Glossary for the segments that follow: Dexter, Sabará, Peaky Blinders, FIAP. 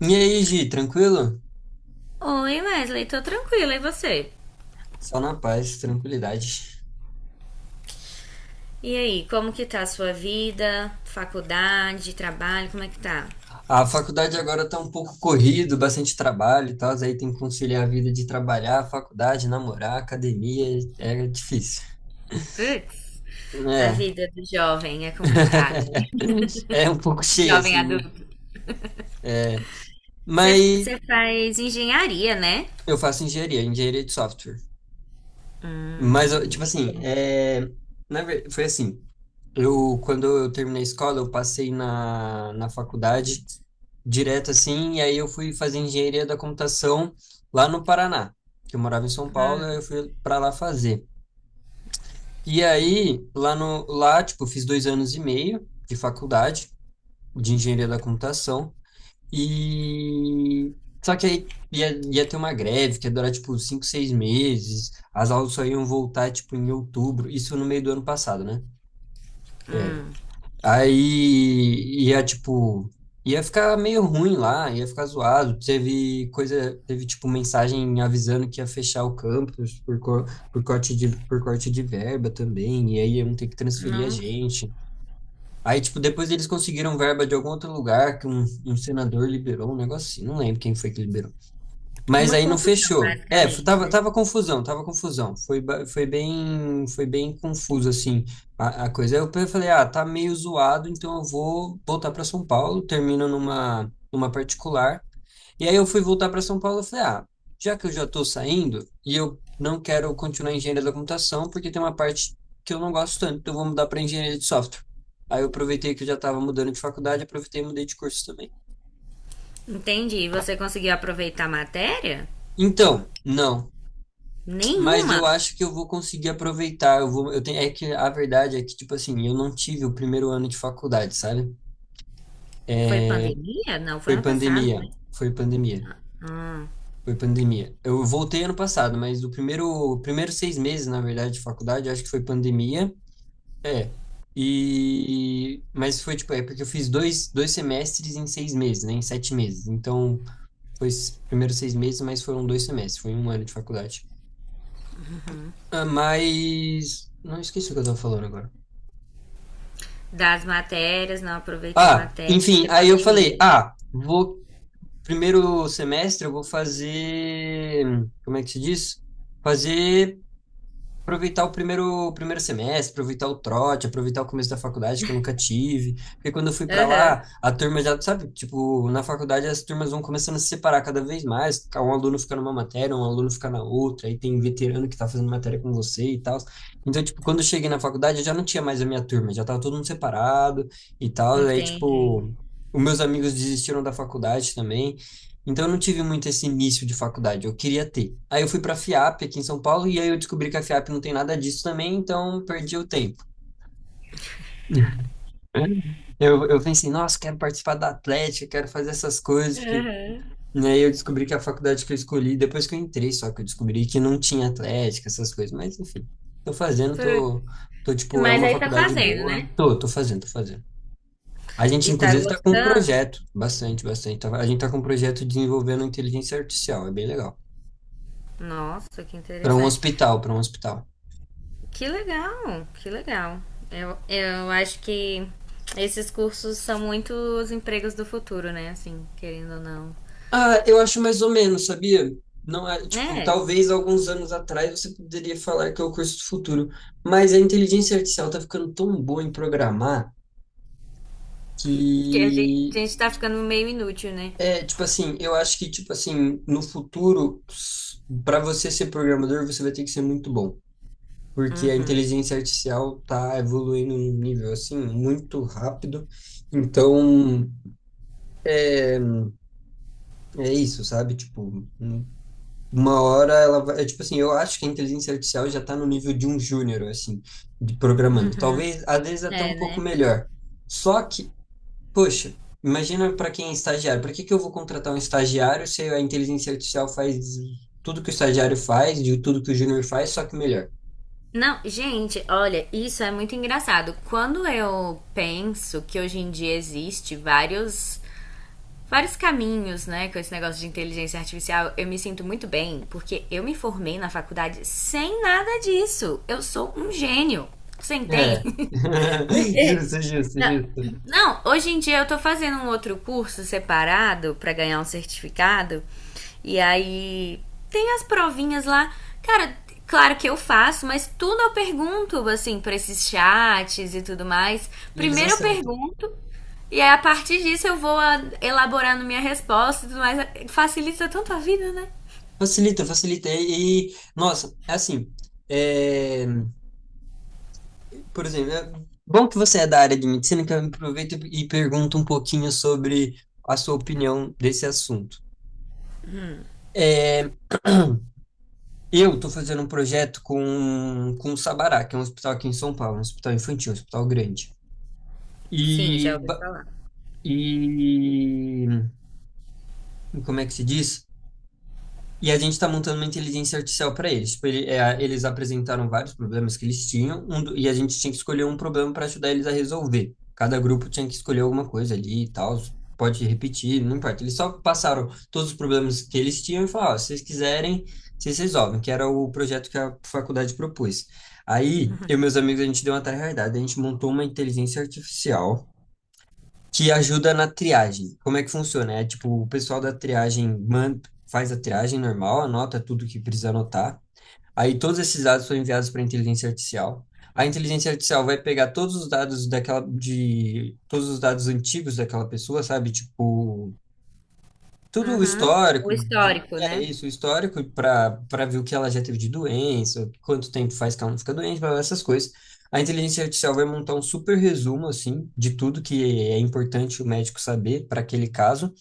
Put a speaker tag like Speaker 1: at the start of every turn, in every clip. Speaker 1: E aí, Gi, tranquilo?
Speaker 2: Oi, Wesley, tô tranquila, e você?
Speaker 1: Só na paz, tranquilidade.
Speaker 2: E aí, como que tá a sua vida? Faculdade, trabalho, como é que tá?
Speaker 1: A faculdade agora tá um pouco corrido, bastante trabalho e tal, aí tem que conciliar a vida de trabalhar, faculdade, namorar, academia, é difícil.
Speaker 2: Putz, a
Speaker 1: É,
Speaker 2: vida do jovem é complicada.
Speaker 1: é um pouco cheio,
Speaker 2: Jovem
Speaker 1: assim,
Speaker 2: adulto.
Speaker 1: é,
Speaker 2: Você
Speaker 1: mas
Speaker 2: você faz engenharia, né?
Speaker 1: eu faço engenharia, engenharia de software.
Speaker 2: Hum,
Speaker 1: Mas, eu, tipo
Speaker 2: me
Speaker 1: assim,
Speaker 2: conta,
Speaker 1: foi assim. Eu, quando eu terminei a escola, eu passei na faculdade direto assim, e aí eu fui fazer engenharia da computação lá no Paraná, que eu morava em São Paulo, aí eu fui para lá fazer. E
Speaker 2: sim.
Speaker 1: aí, lá no lá, tipo, eu fiz dois anos e meio de faculdade de engenharia da computação, e só que aí ia ter uma greve que ia durar, tipo, cinco, seis meses, as aulas só iam voltar, tipo, em outubro, isso no meio do ano passado, né? É,
Speaker 2: Hum,
Speaker 1: aí ia, tipo, ia ficar meio ruim lá, ia ficar zoado. Teve coisa, teve, tipo, mensagem avisando que ia fechar o campus por corte por corte de verba também, e aí iam ter que transferir a
Speaker 2: não,
Speaker 1: gente. Aí, tipo, depois eles conseguiram verba de algum outro lugar que um senador liberou um negócio assim, não lembro quem foi que liberou. Mas
Speaker 2: uma
Speaker 1: aí não
Speaker 2: confusão,
Speaker 1: fechou. É,
Speaker 2: basicamente,
Speaker 1: tava,
Speaker 2: né?
Speaker 1: tava confusão, tava confusão. Foi, foi bem confuso, assim, a coisa. Aí eu falei, ah, tá meio zoado, então eu vou voltar para São Paulo, termino numa particular. E aí eu fui voltar para São Paulo e falei, ah, já que eu já estou saindo e eu não quero continuar em engenharia da computação, porque tem uma parte que eu não gosto tanto, então eu vou mudar para engenharia de software. Aí eu aproveitei que eu já estava mudando de faculdade, aproveitei e mudei de curso também.
Speaker 2: Entendi. E você conseguiu aproveitar a matéria?
Speaker 1: Então, não. Mas
Speaker 2: Nenhuma.
Speaker 1: eu acho que eu vou conseguir aproveitar. Eu vou, eu tenho, é que a verdade é que, tipo assim, eu não tive o primeiro ano de faculdade, sabe?
Speaker 2: Foi pandemia? Não, foi
Speaker 1: Foi
Speaker 2: ano passado, né?
Speaker 1: pandemia, foi pandemia, foi pandemia. Eu voltei ano passado, mas o primeiro, primeiro seis meses, na verdade, de faculdade, eu acho que foi pandemia. É. E, mas foi, tipo, é porque eu fiz dois semestres em seis meses, né? Em sete meses. Então, foi os primeiros seis meses, mas foram dois semestres. Foi um ano de faculdade. Ah, mas, não esqueci o que eu tava falando agora.
Speaker 2: Das matérias, não aproveitou
Speaker 1: Ah, enfim,
Speaker 2: matéria,
Speaker 1: aí eu falei,
Speaker 2: pandemia.
Speaker 1: ah, vou primeiro semestre eu vou fazer, como é que se diz? Fazer aproveitar o primeiro semestre, aproveitar o trote, aproveitar o começo da faculdade que eu nunca tive. Porque quando eu fui para
Speaker 2: Aham,
Speaker 1: lá, a turma já, sabe, tipo, na faculdade as turmas vão começando a se separar cada vez mais. Um aluno fica numa matéria, um aluno fica na outra, aí tem veterano que tá fazendo matéria com você e tal. Então, tipo, quando eu cheguei na faculdade, eu já não tinha mais a minha turma, já tava todo mundo separado e tal. Aí,
Speaker 2: entendi.
Speaker 1: tipo, os meus amigos desistiram da faculdade também. Então, eu não tive muito esse início de faculdade, eu queria ter. Aí eu fui para a FIAP aqui em São Paulo e aí eu descobri que a FIAP não tem nada disso também, então eu perdi o tempo. Eu pensei, nossa, quero participar da Atlética, quero fazer essas coisas, porque né, aí eu descobri que a faculdade que eu escolhi, depois que eu entrei, só que eu descobri que não tinha Atlética, essas coisas, mas enfim, tô fazendo,
Speaker 2: Putz,
Speaker 1: tô, tô tipo, é
Speaker 2: mas
Speaker 1: uma
Speaker 2: aí tá
Speaker 1: faculdade
Speaker 2: fazendo, né?
Speaker 1: boa, tô, tô fazendo, tô fazendo. A gente,
Speaker 2: E tá
Speaker 1: inclusive, tá com um
Speaker 2: gostando?
Speaker 1: projeto, bastante, bastante, a gente tá com um projeto desenvolvendo inteligência artificial, é bem legal.
Speaker 2: Nossa, que
Speaker 1: Para um
Speaker 2: interessante.
Speaker 1: hospital, para um hospital.
Speaker 2: Que legal, que legal. Eu acho que esses cursos são muito os empregos do futuro, né? Assim, querendo ou não.
Speaker 1: Ah, eu acho mais ou menos, sabia? Não é, tipo,
Speaker 2: É,
Speaker 1: talvez alguns anos atrás você poderia falar que é o curso do futuro, mas a inteligência artificial tá ficando tão boa em programar que
Speaker 2: que a gente tá ficando meio inútil, né?
Speaker 1: é, tipo assim, no futuro, para você ser programador, você vai ter que ser muito bom, porque a inteligência artificial tá evoluindo num nível assim muito rápido. Então, é, é isso, sabe? Tipo, uma hora ela vai, é tipo assim, eu acho que a inteligência artificial já está no nível de um júnior, assim, de programando. Talvez, às vezes, até um
Speaker 2: É,
Speaker 1: pouco
Speaker 2: né?
Speaker 1: melhor. Só que, poxa, imagina para quem é estagiário. Para que que eu vou contratar um estagiário se a inteligência artificial faz tudo que o estagiário faz, de tudo que o júnior faz, só que melhor?
Speaker 2: Não, gente, olha, isso é muito engraçado. Quando eu penso que hoje em dia existe vários vários caminhos, né, com esse negócio de inteligência artificial, eu me sinto muito bem, porque eu me formei na faculdade sem nada disso. Eu sou um gênio. Você
Speaker 1: É.
Speaker 2: entende? Porque.
Speaker 1: Justo, justo,
Speaker 2: Não,
Speaker 1: justo.
Speaker 2: não, hoje em dia eu tô fazendo um outro curso separado pra ganhar um certificado. E aí tem as provinhas lá. Cara, claro que eu faço, mas tudo eu pergunto, assim, pra esses chats e tudo mais.
Speaker 1: E eles
Speaker 2: Primeiro eu
Speaker 1: acertam.
Speaker 2: pergunto, e aí a partir disso eu vou elaborando minha resposta e tudo mais. Facilita tanto a vida, né?
Speaker 1: Facilita, facilita. Nossa, é assim, é. Por exemplo, é bom que você é da área de medicina, que eu aproveito e pergunto um pouquinho sobre a sua opinião desse assunto. É, eu estou fazendo um projeto com o Sabará, que é um hospital aqui em São Paulo, um hospital infantil, um hospital grande.
Speaker 2: Sim,
Speaker 1: E,
Speaker 2: já ouvi falar.
Speaker 1: e como é que se diz? E a gente está montando uma inteligência artificial para eles. Tipo, é, eles apresentaram vários problemas que eles tinham, e a gente tinha que escolher um problema para ajudar eles a resolver. Cada grupo tinha que escolher alguma coisa ali e tal. Pode repetir, não importa. Eles só passaram todos os problemas que eles tinham e falaram: "Ó, se vocês quiserem, vocês resolvem", que era o projeto que a faculdade propôs. Aí, eu e meus amigos, a gente deu uma tarefa, a gente montou uma inteligência artificial que ajuda na triagem. Como é que funciona? É tipo, o pessoal da triagem faz a triagem normal, anota tudo que precisa anotar. Aí todos esses dados são enviados para a inteligência artificial. A inteligência artificial vai pegar todos os dados daquela de todos os dados antigos daquela pessoa, sabe? Tipo, tudo o
Speaker 2: Uhum. O
Speaker 1: histórico,
Speaker 2: histórico,
Speaker 1: é
Speaker 2: né?
Speaker 1: isso, o histórico para ver o que ela já teve de doença, quanto tempo faz que ela não fica doente, blá, blá, essas coisas. A inteligência artificial vai montar um super resumo assim de tudo que é importante o médico saber para aquele caso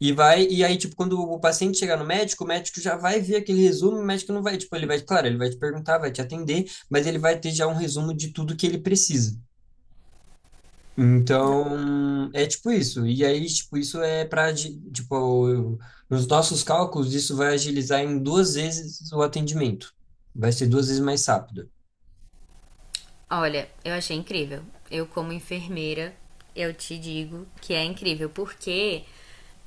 Speaker 1: e vai e aí tipo quando o paciente chegar no médico, o médico já vai ver aquele resumo, o médico não vai, tipo, ele vai, claro, ele vai te perguntar, vai te atender, mas ele vai ter já um resumo de tudo que ele precisa. Então, é tipo isso. E aí, tipo, isso é para, tipo, nos nossos cálculos, isso vai agilizar em duas vezes o atendimento. Vai ser duas vezes mais rápido.
Speaker 2: Olha, eu achei incrível. Eu, como enfermeira, eu te digo que é incrível, porque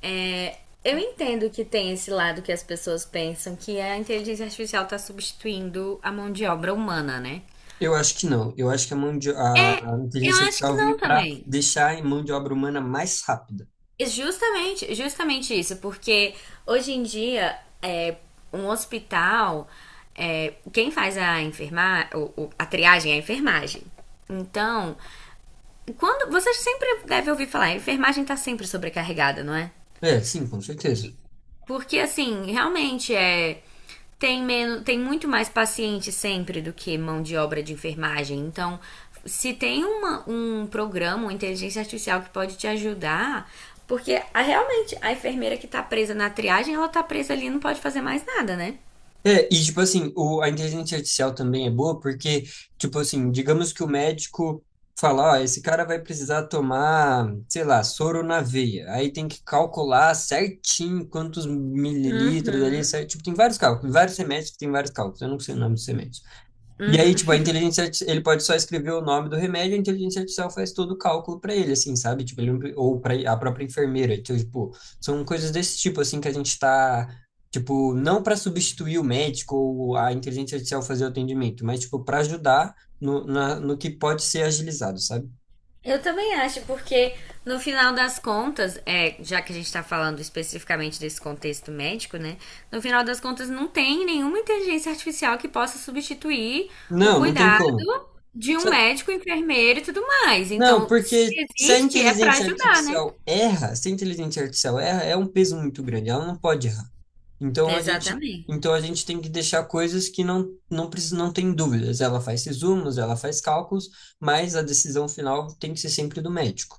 Speaker 2: é, eu entendo que tem esse lado que as pessoas pensam que a inteligência artificial está substituindo a mão de obra humana, né?
Speaker 1: Eu acho que não. Eu acho que a mão de,
Speaker 2: É,
Speaker 1: a
Speaker 2: eu
Speaker 1: inteligência
Speaker 2: acho que
Speaker 1: artificial
Speaker 2: não
Speaker 1: veio para
Speaker 2: também.
Speaker 1: deixar a mão de obra humana mais rápida.
Speaker 2: E justamente, justamente isso, porque hoje em dia é, um hospital, é, quem faz a enfermar, a triagem é a enfermagem. Então, quando. Vocês sempre devem ouvir falar, a enfermagem tá sempre sobrecarregada, não é?
Speaker 1: É, sim, com certeza.
Speaker 2: Porque, assim, realmente é. Tem, menos, tem muito mais paciente sempre do que mão de obra de enfermagem. Então, se tem uma, um programa, uma inteligência artificial que pode te ajudar, porque a, realmente a enfermeira que tá presa na triagem, ela tá presa ali e não pode fazer mais nada, né?
Speaker 1: É, e tipo assim, o, a inteligência artificial também é boa porque, tipo assim, digamos que o médico fala, ó, esse cara vai precisar tomar, sei lá, soro na veia. Aí tem que calcular certinho quantos mililitros
Speaker 2: Uhum.
Speaker 1: ali, certo? Tipo, tem vários cálculos, vários remédios que tem vários cálculos. Eu não sei o nome dos remédios. E aí, tipo, ele pode só escrever o nome do remédio, a inteligência artificial faz todo o cálculo para ele, assim, sabe? Tipo, ele, não pre- ou para a própria enfermeira. Então, tipo, são coisas desse tipo, assim, que a gente tá, tipo, não para substituir o médico ou a inteligência artificial fazer o atendimento, mas, tipo, para ajudar no que pode ser agilizado, sabe?
Speaker 2: Eu também acho, porque no final das contas, é, já que a gente está falando especificamente desse contexto médico, né? No final das contas, não tem nenhuma inteligência artificial que possa substituir o
Speaker 1: Não, não tem
Speaker 2: cuidado
Speaker 1: como.
Speaker 2: de um médico, enfermeiro e tudo mais.
Speaker 1: Não,
Speaker 2: Então, se
Speaker 1: porque se a
Speaker 2: existe, é para
Speaker 1: inteligência
Speaker 2: ajudar, né?
Speaker 1: artificial erra, se a inteligência artificial erra, é um peso muito grande, ela não pode errar. Então a gente,
Speaker 2: Exatamente.
Speaker 1: então a gente tem que deixar coisas que não precisa, não tem dúvidas. Ela faz resumos, ela faz cálculos, mas a decisão final tem que ser sempre do médico.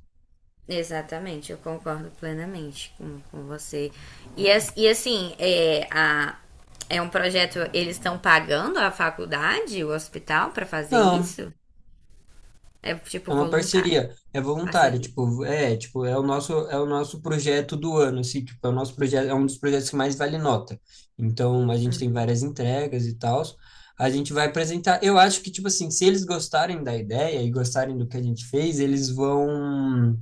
Speaker 2: Exatamente, eu concordo plenamente com você. E, e assim, é, a, é um projeto, eles estão pagando a faculdade, o hospital, para fazer
Speaker 1: Não,
Speaker 2: isso? É tipo
Speaker 1: é uma
Speaker 2: voluntário,
Speaker 1: parceria, é voluntário,
Speaker 2: parceria.
Speaker 1: tipo, é, tipo, é o nosso projeto do ano, assim, tipo, é o nosso projeto, é um dos projetos que mais vale nota. Então, a gente tem várias entregas e tal. A gente vai apresentar. Eu acho que, tipo assim, se eles gostarem da ideia e gostarem do que a gente fez, eles vão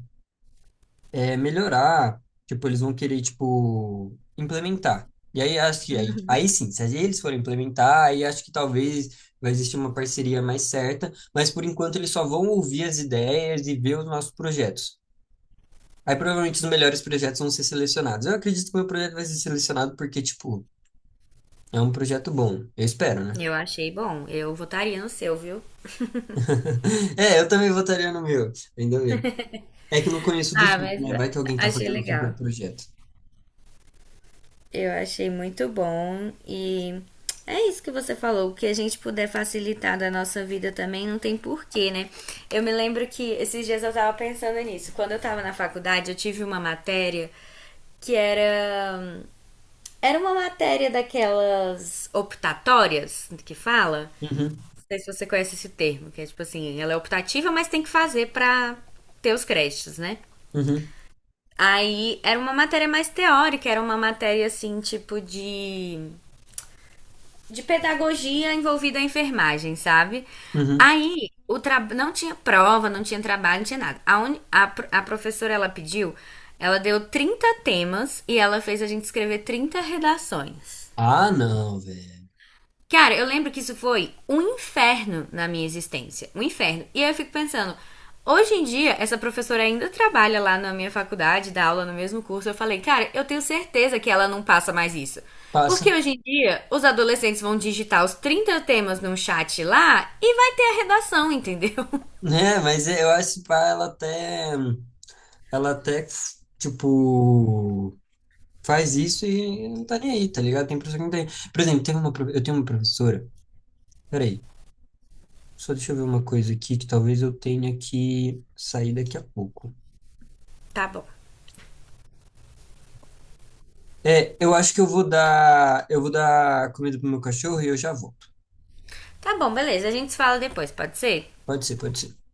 Speaker 1: é, melhorar, tipo, eles vão querer, tipo, implementar. E aí acho que aí, aí sim, se eles forem implementar, aí acho que talvez vai existir uma parceria mais certa, mas por enquanto eles só vão ouvir as ideias e ver os nossos projetos. Aí provavelmente os melhores projetos vão ser selecionados. Eu acredito que o meu projeto vai ser selecionado porque, tipo, é um projeto bom. Eu espero, né?
Speaker 2: Eu achei bom. Eu votaria no seu, viu?
Speaker 1: É, eu também votaria no meu, ainda bem. É que eu não conheço dos
Speaker 2: Ah,
Speaker 1: outros,
Speaker 2: mas
Speaker 1: né? Vai que alguém tá
Speaker 2: achei
Speaker 1: fazendo um
Speaker 2: legal.
Speaker 1: super projeto.
Speaker 2: Eu achei muito bom e é isso que você falou, o que a gente puder facilitar da nossa vida também não tem porquê, né? Eu me lembro que esses dias eu tava pensando nisso. Quando eu tava na faculdade, eu tive uma matéria que era era uma matéria daquelas optatórias que fala
Speaker 1: Uhum,
Speaker 2: sei se você conhece esse termo, que é tipo assim, ela é optativa, mas tem que fazer pra ter os créditos, né?
Speaker 1: uhum,
Speaker 2: Aí era uma matéria mais teórica, era uma matéria assim, tipo de pedagogia envolvida a enfermagem, sabe?
Speaker 1: uhum.
Speaker 2: Aí o tra... não tinha prova, não tinha trabalho, não tinha nada. A professora ela pediu, ela deu 30 temas e ela fez a gente escrever 30 redações.
Speaker 1: Ah, não, velho.
Speaker 2: Cara, eu lembro que isso foi um inferno na minha existência. Um inferno. E aí eu fico pensando, hoje em dia, essa professora ainda trabalha lá na minha faculdade, dá aula no mesmo curso. Eu falei, cara, eu tenho certeza que ela não passa mais isso.
Speaker 1: Passa.
Speaker 2: Porque hoje em dia, os adolescentes vão digitar os 30 temas num chat lá e vai ter a redação, entendeu?
Speaker 1: Né, mas eu acho que pá, ela até, tipo, faz isso e não tá nem aí, tá ligado? Tem professor que não tem. Por exemplo, teve uma, eu tenho uma professora, peraí, só deixa eu ver uma coisa aqui que talvez eu tenha que sair daqui a pouco.
Speaker 2: Tá bom.
Speaker 1: É, eu vou dar comida pro meu cachorro e eu já volto.
Speaker 2: Tá bom, beleza. A gente se fala depois, pode ser?
Speaker 1: Pode ser, pode ser.